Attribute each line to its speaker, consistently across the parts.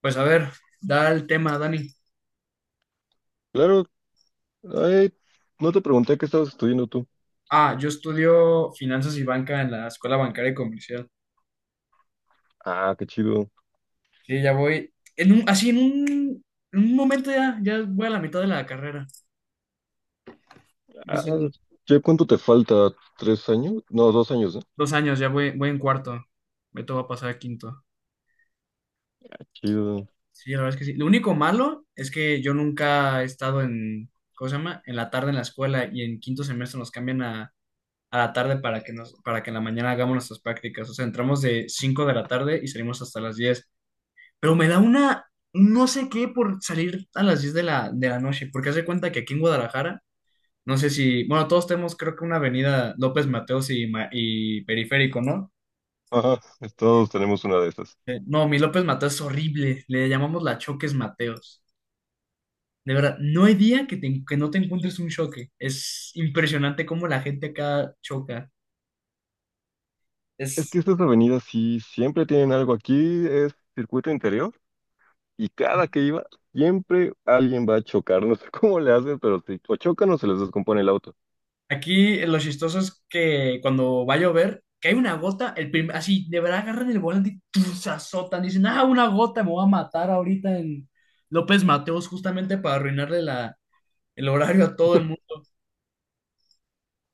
Speaker 1: Pues a ver, da el tema, Dani.
Speaker 2: Claro, ay, no te pregunté qué estabas estudiando tú.
Speaker 1: Ah, yo estudio finanzas y banca en la Escuela Bancaria y Comercial.
Speaker 2: Ah, qué chido.
Speaker 1: Sí, ya voy. En un, así en un momento ya voy a la mitad de la carrera. No
Speaker 2: Ah,
Speaker 1: sé,
Speaker 2: ¿ya cuánto te falta? ¿Tres años? No, dos años, ¿no?
Speaker 1: dos años, ya voy en cuarto. Me va a pasar a quinto.
Speaker 2: Chido.
Speaker 1: Sí, la verdad es que sí. Lo único malo es que yo nunca he estado en, ¿cómo se llama? En la tarde en la escuela y en quinto semestre nos cambian a la tarde para que en la mañana hagamos nuestras prácticas. O sea, entramos de 5 de la tarde y salimos hasta las 10. Pero me da una, no sé qué, por salir a las 10 de la noche, porque hace cuenta que aquí en Guadalajara, no sé si, bueno, todos tenemos creo que una avenida López Mateos y Periférico, ¿no?
Speaker 2: Ajá, todos tenemos una de esas.
Speaker 1: No, mi López Mateos es horrible, le llamamos la Choques Mateos. De verdad, no hay día que no te encuentres un choque. Es impresionante cómo la gente acá choca.
Speaker 2: Es que estas avenidas sí siempre tienen algo aquí, es circuito interior, y cada que iba, siempre alguien va a chocar, no sé cómo le hacen, pero si o chocan o se les descompone el auto.
Speaker 1: Aquí, lo chistoso es que cuando va a llover, cae una gota, así, de verdad agarran el volante y ¡tum! Se azotan. Dicen, ah, una gota, me voy a matar ahorita en López Mateos, justamente para arruinarle el horario a todo el mundo.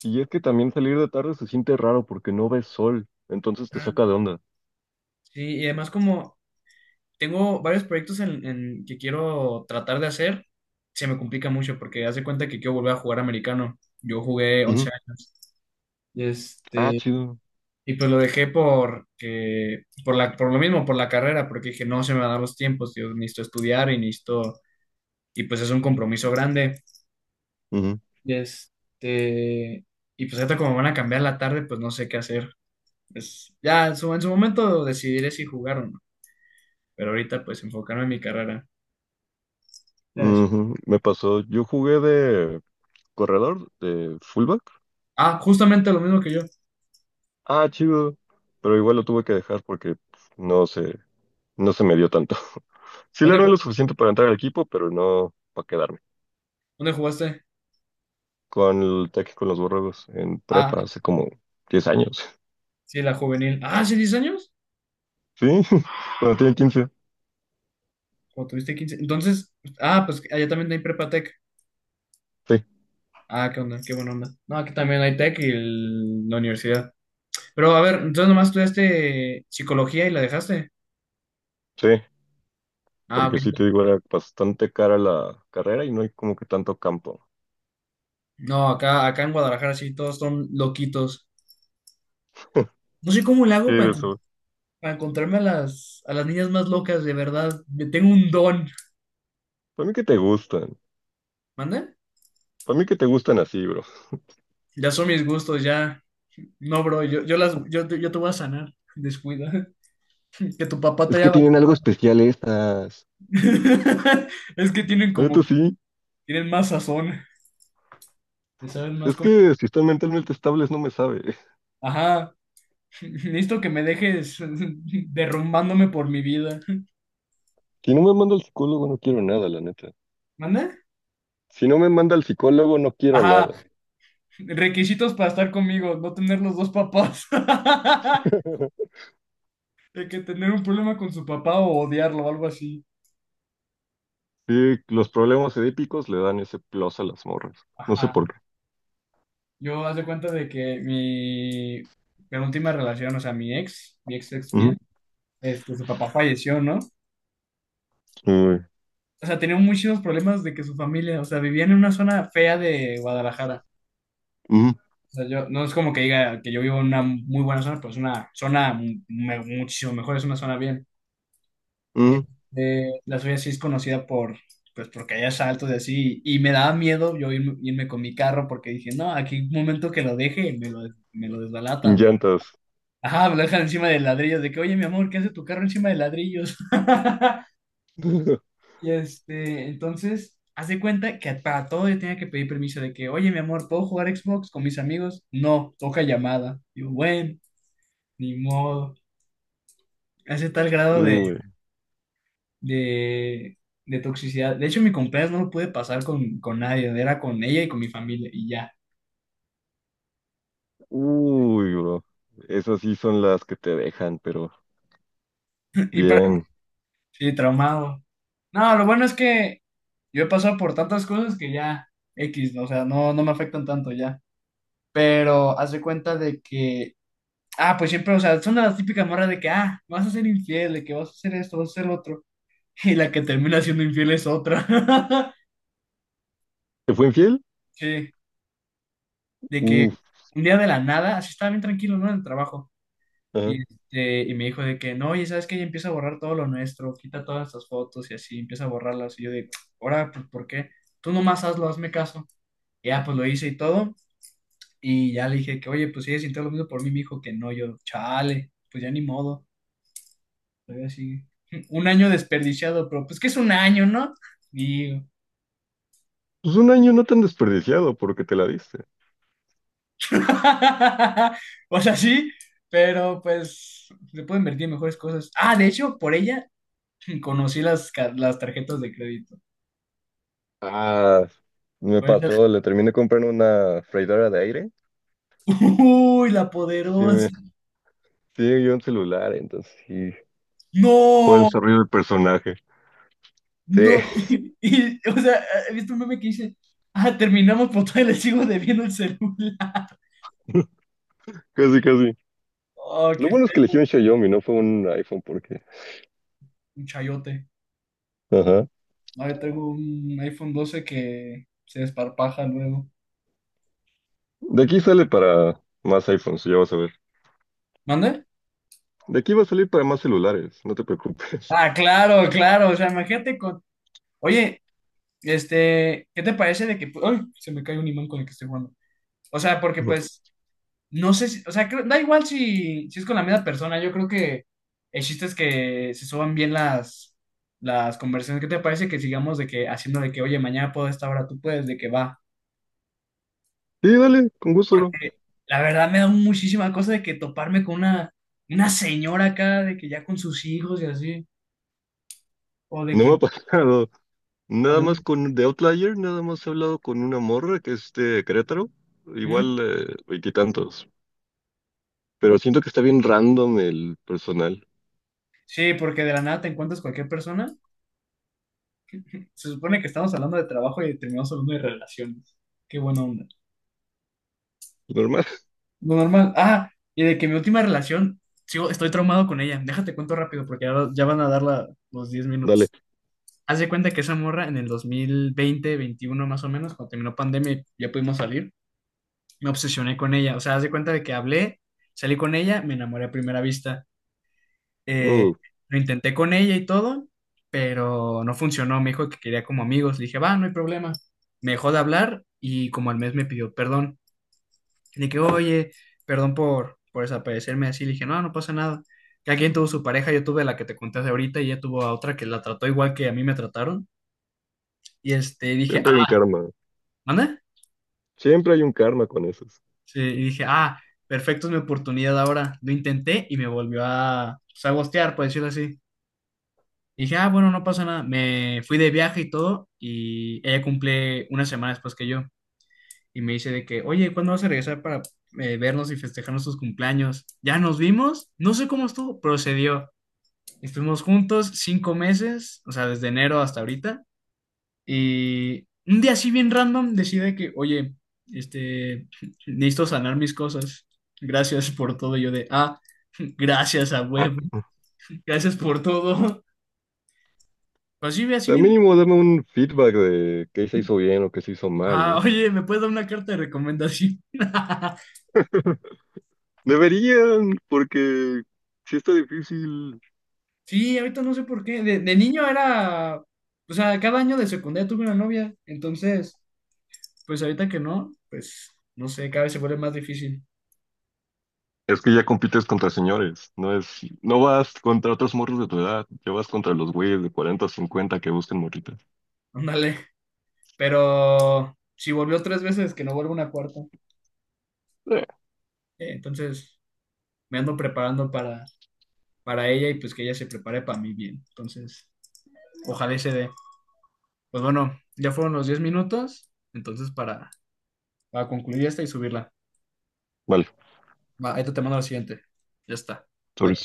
Speaker 2: Y es que también salir de tarde se siente raro porque no ves sol, entonces te
Speaker 1: Ajá.
Speaker 2: saca de onda.
Speaker 1: Sí, y además como tengo varios proyectos en que quiero tratar de hacer, se me complica mucho porque haz de cuenta que quiero volver a jugar americano. Yo jugué
Speaker 2: Ujú.
Speaker 1: 11 años.
Speaker 2: Ah,
Speaker 1: Este,
Speaker 2: chido.
Speaker 1: Y pues lo dejé por lo mismo, por la carrera, porque dije, no se me van a dar los tiempos, yo necesito estudiar y necesito, y pues es un compromiso grande. Y este, y pues ahorita como van a cambiar la tarde, pues no sé qué hacer. Pues ya en su momento decidiré si jugar o no, pero ahorita pues enfocarme en mi carrera. Ya ves.
Speaker 2: Ujú, me pasó, yo jugué de corredor, de fullback.
Speaker 1: Ah, justamente lo mismo que yo.
Speaker 2: Ah, chido. Pero igual lo tuve que dejar porque pues, no se me dio tanto. Sí le
Speaker 1: ¿Dónde,
Speaker 2: armé
Speaker 1: ju-
Speaker 2: lo suficiente para entrar al equipo, pero no para quedarme.
Speaker 1: dónde jugaste?
Speaker 2: Con el Tec con los borregos en
Speaker 1: Ah,
Speaker 2: prepa hace como 10 años.
Speaker 1: sí, la juvenil. Ah, ¿sí, 10 años?
Speaker 2: Sí, cuando tenía quince.
Speaker 1: ¿O tuviste 15? Entonces, ah, pues allá también hay Prepatec.
Speaker 2: Sí,
Speaker 1: Ah, qué onda, qué buena onda. No, aquí también hay tech y la universidad. Pero a ver, entonces nomás estudiaste psicología y la dejaste.
Speaker 2: sí,
Speaker 1: Ah, ok.
Speaker 2: porque sí te digo, era bastante cara la carrera y no hay como que tanto campo.
Speaker 1: No, acá en Guadalajara sí, todos son loquitos. No sé cómo le
Speaker 2: Sí,
Speaker 1: hago para,
Speaker 2: de
Speaker 1: encon-
Speaker 2: eso.
Speaker 1: para encontrarme a las niñas más locas, de verdad. Me tengo un don.
Speaker 2: Para mí que te gustan.
Speaker 1: ¿Manda?
Speaker 2: Para mí que te gustan así, bro.
Speaker 1: Ya son mis gustos, ya. No, bro, yo te voy a sanar. Descuida. Que tu papá te
Speaker 2: Es
Speaker 1: haya
Speaker 2: que tienen algo
Speaker 1: abandonado.
Speaker 2: especial estas.
Speaker 1: Es que tienen como
Speaker 2: Esto
Speaker 1: que
Speaker 2: sí,
Speaker 1: tienen más sazón. Le saben más
Speaker 2: es
Speaker 1: como.
Speaker 2: que si están mentalmente estables no me sabe.
Speaker 1: Ajá. Necesito que me dejes derrumbándome por mi vida.
Speaker 2: Si no me manda al psicólogo no quiero nada, la neta.
Speaker 1: ¿Manda?
Speaker 2: Si no me manda al psicólogo no quiero
Speaker 1: Ajá,
Speaker 2: nada.
Speaker 1: requisitos para estar conmigo, no tener los dos papás. De que tener un problema con su papá o odiarlo o algo así.
Speaker 2: Sí, los problemas edípicos le dan ese plus a las morras. No sé
Speaker 1: Ajá.
Speaker 2: por qué.
Speaker 1: Yo hace cuenta de que mi penúltima relación, o sea, mi ex ex
Speaker 2: Ujú,
Speaker 1: bien, su papá falleció, ¿no?
Speaker 2: uy,
Speaker 1: O sea, tenía muchísimos problemas de que su familia, o sea, vivía en una zona fea de Guadalajara.
Speaker 2: ujú,
Speaker 1: O sea, yo, no es como que diga que yo vivo en una muy buena zona, pero es una zona muchísimo mejor, es una zona bien.
Speaker 2: ujú.
Speaker 1: La suya sí es conocida por, pues porque hay asaltos y así, y me daba miedo yo irme con mi carro porque dije, no, aquí un momento que lo deje, me lo
Speaker 2: Sin
Speaker 1: desbalatan.
Speaker 2: llantas.
Speaker 1: Ajá, me lo dejan encima de ladrillos, de que, oye, mi amor, ¿qué hace tu carro encima de ladrillos? Entonces, haz de cuenta que para todo yo tenía que pedir permiso de que, oye, mi amor, ¿puedo jugar Xbox con mis amigos? No, toca llamada. Digo, bueno. Ni modo. Hace tal grado
Speaker 2: Uy,
Speaker 1: de, de toxicidad. De hecho, mi cumpleaños no lo pude pasar con nadie. Era con ella y con mi familia y ya.
Speaker 2: uy, bro. Esas sí son las que te dejan, pero
Speaker 1: Y para-
Speaker 2: bien.
Speaker 1: sí, traumado. No, lo bueno es que yo he pasado por tantas cosas que ya X, ¿no? O sea, no, no me afectan tanto ya. Pero haz de cuenta de que, ah, pues siempre, o sea, son las típicas morras de que, ah, vas a ser infiel, de que vas a hacer esto, vas a hacer lo otro. Y la que termina siendo infiel es otra.
Speaker 2: ¿Te fue infiel?
Speaker 1: Sí. De que
Speaker 2: Uf,
Speaker 1: un día de la nada, así estaba bien tranquilo, ¿no? En el trabajo. Y,
Speaker 2: ajá.
Speaker 1: este, y me dijo de que, no, y ¿sabes que Ya empieza a borrar todo lo nuestro, quita todas estas fotos y así, empieza a borrarlas. Y yo de, ahora, pues, ¿por qué? Tú nomás hazlo, hazme caso. Y ya, pues, lo hice y todo. Y ya le dije que, oye, pues, si ella sintió lo mismo por mí, me dijo que no. Yo, chale, pues, ya ni modo. Todavía así, un año desperdiciado, pero, pues, que es un año, ¿no? Digo.
Speaker 2: Pues un año no tan desperdiciado porque te la diste.
Speaker 1: O sea, sí, pero, pues, se puede invertir en mejores cosas. Ah, de hecho, por ella y conocí las tarjetas de crédito.
Speaker 2: Ah, me
Speaker 1: Fue esa-
Speaker 2: pasó, le terminé comprando una freidora de aire.
Speaker 1: Uy, la
Speaker 2: Sí,
Speaker 1: poderosa.
Speaker 2: me, sí, yo un celular, entonces sí. Fue
Speaker 1: No,
Speaker 2: desarrollo del personaje. Sí,
Speaker 1: no. Y, o sea, he visto un meme que dice, ah, terminamos por todavía le sigo debiendo el celular.
Speaker 2: casi, casi.
Speaker 1: Oh,
Speaker 2: Lo bueno es que elegí un Xiaomi, no fue un iPhone, porque.
Speaker 1: un chayote.
Speaker 2: Ajá.
Speaker 1: No, yo tengo un iPhone 12 que se desparpaja luego.
Speaker 2: De aquí sale para más iPhones, ya vas a ver.
Speaker 1: ¿Mande?
Speaker 2: De aquí va a salir para más celulares, no te preocupes.
Speaker 1: Ah, claro, claro. O sea, imagínate con. Oye, ¿qué te parece de que... ay, se me cae un imán con el que estoy jugando? O sea, porque pues no sé si, o sea, da igual si es con la misma persona. Yo creo que el chiste es que se suban bien las conversaciones. ¿Qué te parece que sigamos de que haciendo de que, oye, mañana puedo a esta hora, tú puedes, de que va?
Speaker 2: Sí, dale, con gusto, bro.
Speaker 1: Porque la verdad me da muchísima cosa de que toparme con una señora acá, de que ya con sus hijos y así, o de
Speaker 2: No me
Speaker 1: que...
Speaker 2: ha pasado.
Speaker 1: o
Speaker 2: Nada
Speaker 1: de-
Speaker 2: más con de Outlier, nada más he hablado con una morra que es de Querétaro.
Speaker 1: ¿Mm?
Speaker 2: Igual, veintitantos. Pero siento que está bien random el personal.
Speaker 1: Sí, porque de la nada te encuentras cualquier persona. Se supone que estamos hablando de trabajo y terminamos hablando de relaciones. Qué buena onda.
Speaker 2: Normal,
Speaker 1: Lo normal. Ah, y de que mi última relación, estoy traumado con ella. Déjate cuento rápido porque ya van a dar los diez
Speaker 2: dale.
Speaker 1: minutos. Haz de cuenta que esa morra en el 2020, 2021 más o menos, cuando terminó pandemia y ya pudimos salir, me obsesioné con ella. O sea, haz de cuenta de que hablé, salí con ella, me enamoré a primera vista. Eh,
Speaker 2: Uh,
Speaker 1: lo intenté con ella y todo, pero no funcionó. Me dijo que quería como amigos. Le dije, va, no hay problema. Me dejó de hablar y como al mes me pidió perdón. De que, oye, perdón por desaparecerme así. Le dije, no, no pasa nada. Cada quien tuvo su pareja, yo tuve la que te conté de ahorita y ella tuvo a otra que la trató igual que a mí me trataron. Dije,
Speaker 2: siempre hay un
Speaker 1: ah,
Speaker 2: karma.
Speaker 1: ¿manda?
Speaker 2: Siempre hay un karma con esos.
Speaker 1: Sí, y dije, ah, perfecto, es mi oportunidad ahora. Lo intenté y me volvió a, pues, a ghostear, por decirlo así. Y dije, ah, bueno, no pasa nada. Me fui de viaje y todo y ella cumple una semana después que yo. Y me dice de que, oye, ¿cuándo vas a regresar para vernos y festejarnos tus cumpleaños? Ya nos vimos, no sé cómo estuvo, procedió. Estuvimos juntos 5 meses, o sea, desde enero hasta ahorita. Y un día así bien random decide que, oye, este, necesito sanar mis cosas. Gracias por todo. Y yo de, ah, gracias a
Speaker 2: Ah,
Speaker 1: web,
Speaker 2: mm,
Speaker 1: gracias por todo. Así, así
Speaker 2: al
Speaker 1: bien.
Speaker 2: mínimo dame un feedback de qué se hizo bien o qué se hizo mal,
Speaker 1: Ah,
Speaker 2: ¿no?
Speaker 1: oye, ¿me puedes dar una carta de recomendación?
Speaker 2: Deberían, porque si está difícil.
Speaker 1: Sí, ahorita no sé por qué. De niño era, o sea, cada año de secundaria tuve una novia. Entonces, pues ahorita que no, pues no sé, cada vez se vuelve más difícil.
Speaker 2: Es que ya compites contra señores, no vas contra otros morros de tu edad, ya vas contra los güeyes de 40 o 50 que buscan morritas.
Speaker 1: Ándale. Pero si volvió 3 veces, que no vuelva una cuarta.
Speaker 2: Eh,
Speaker 1: Entonces me ando preparando para ella y pues que ella se prepare para mí bien. Entonces, ojalá y se dé. Pues bueno, ya fueron los 10 minutos. Entonces, para concluir esta y subirla.
Speaker 2: vale,
Speaker 1: Va, ahí te mando la siguiente. Ya está. Bye.
Speaker 2: sobre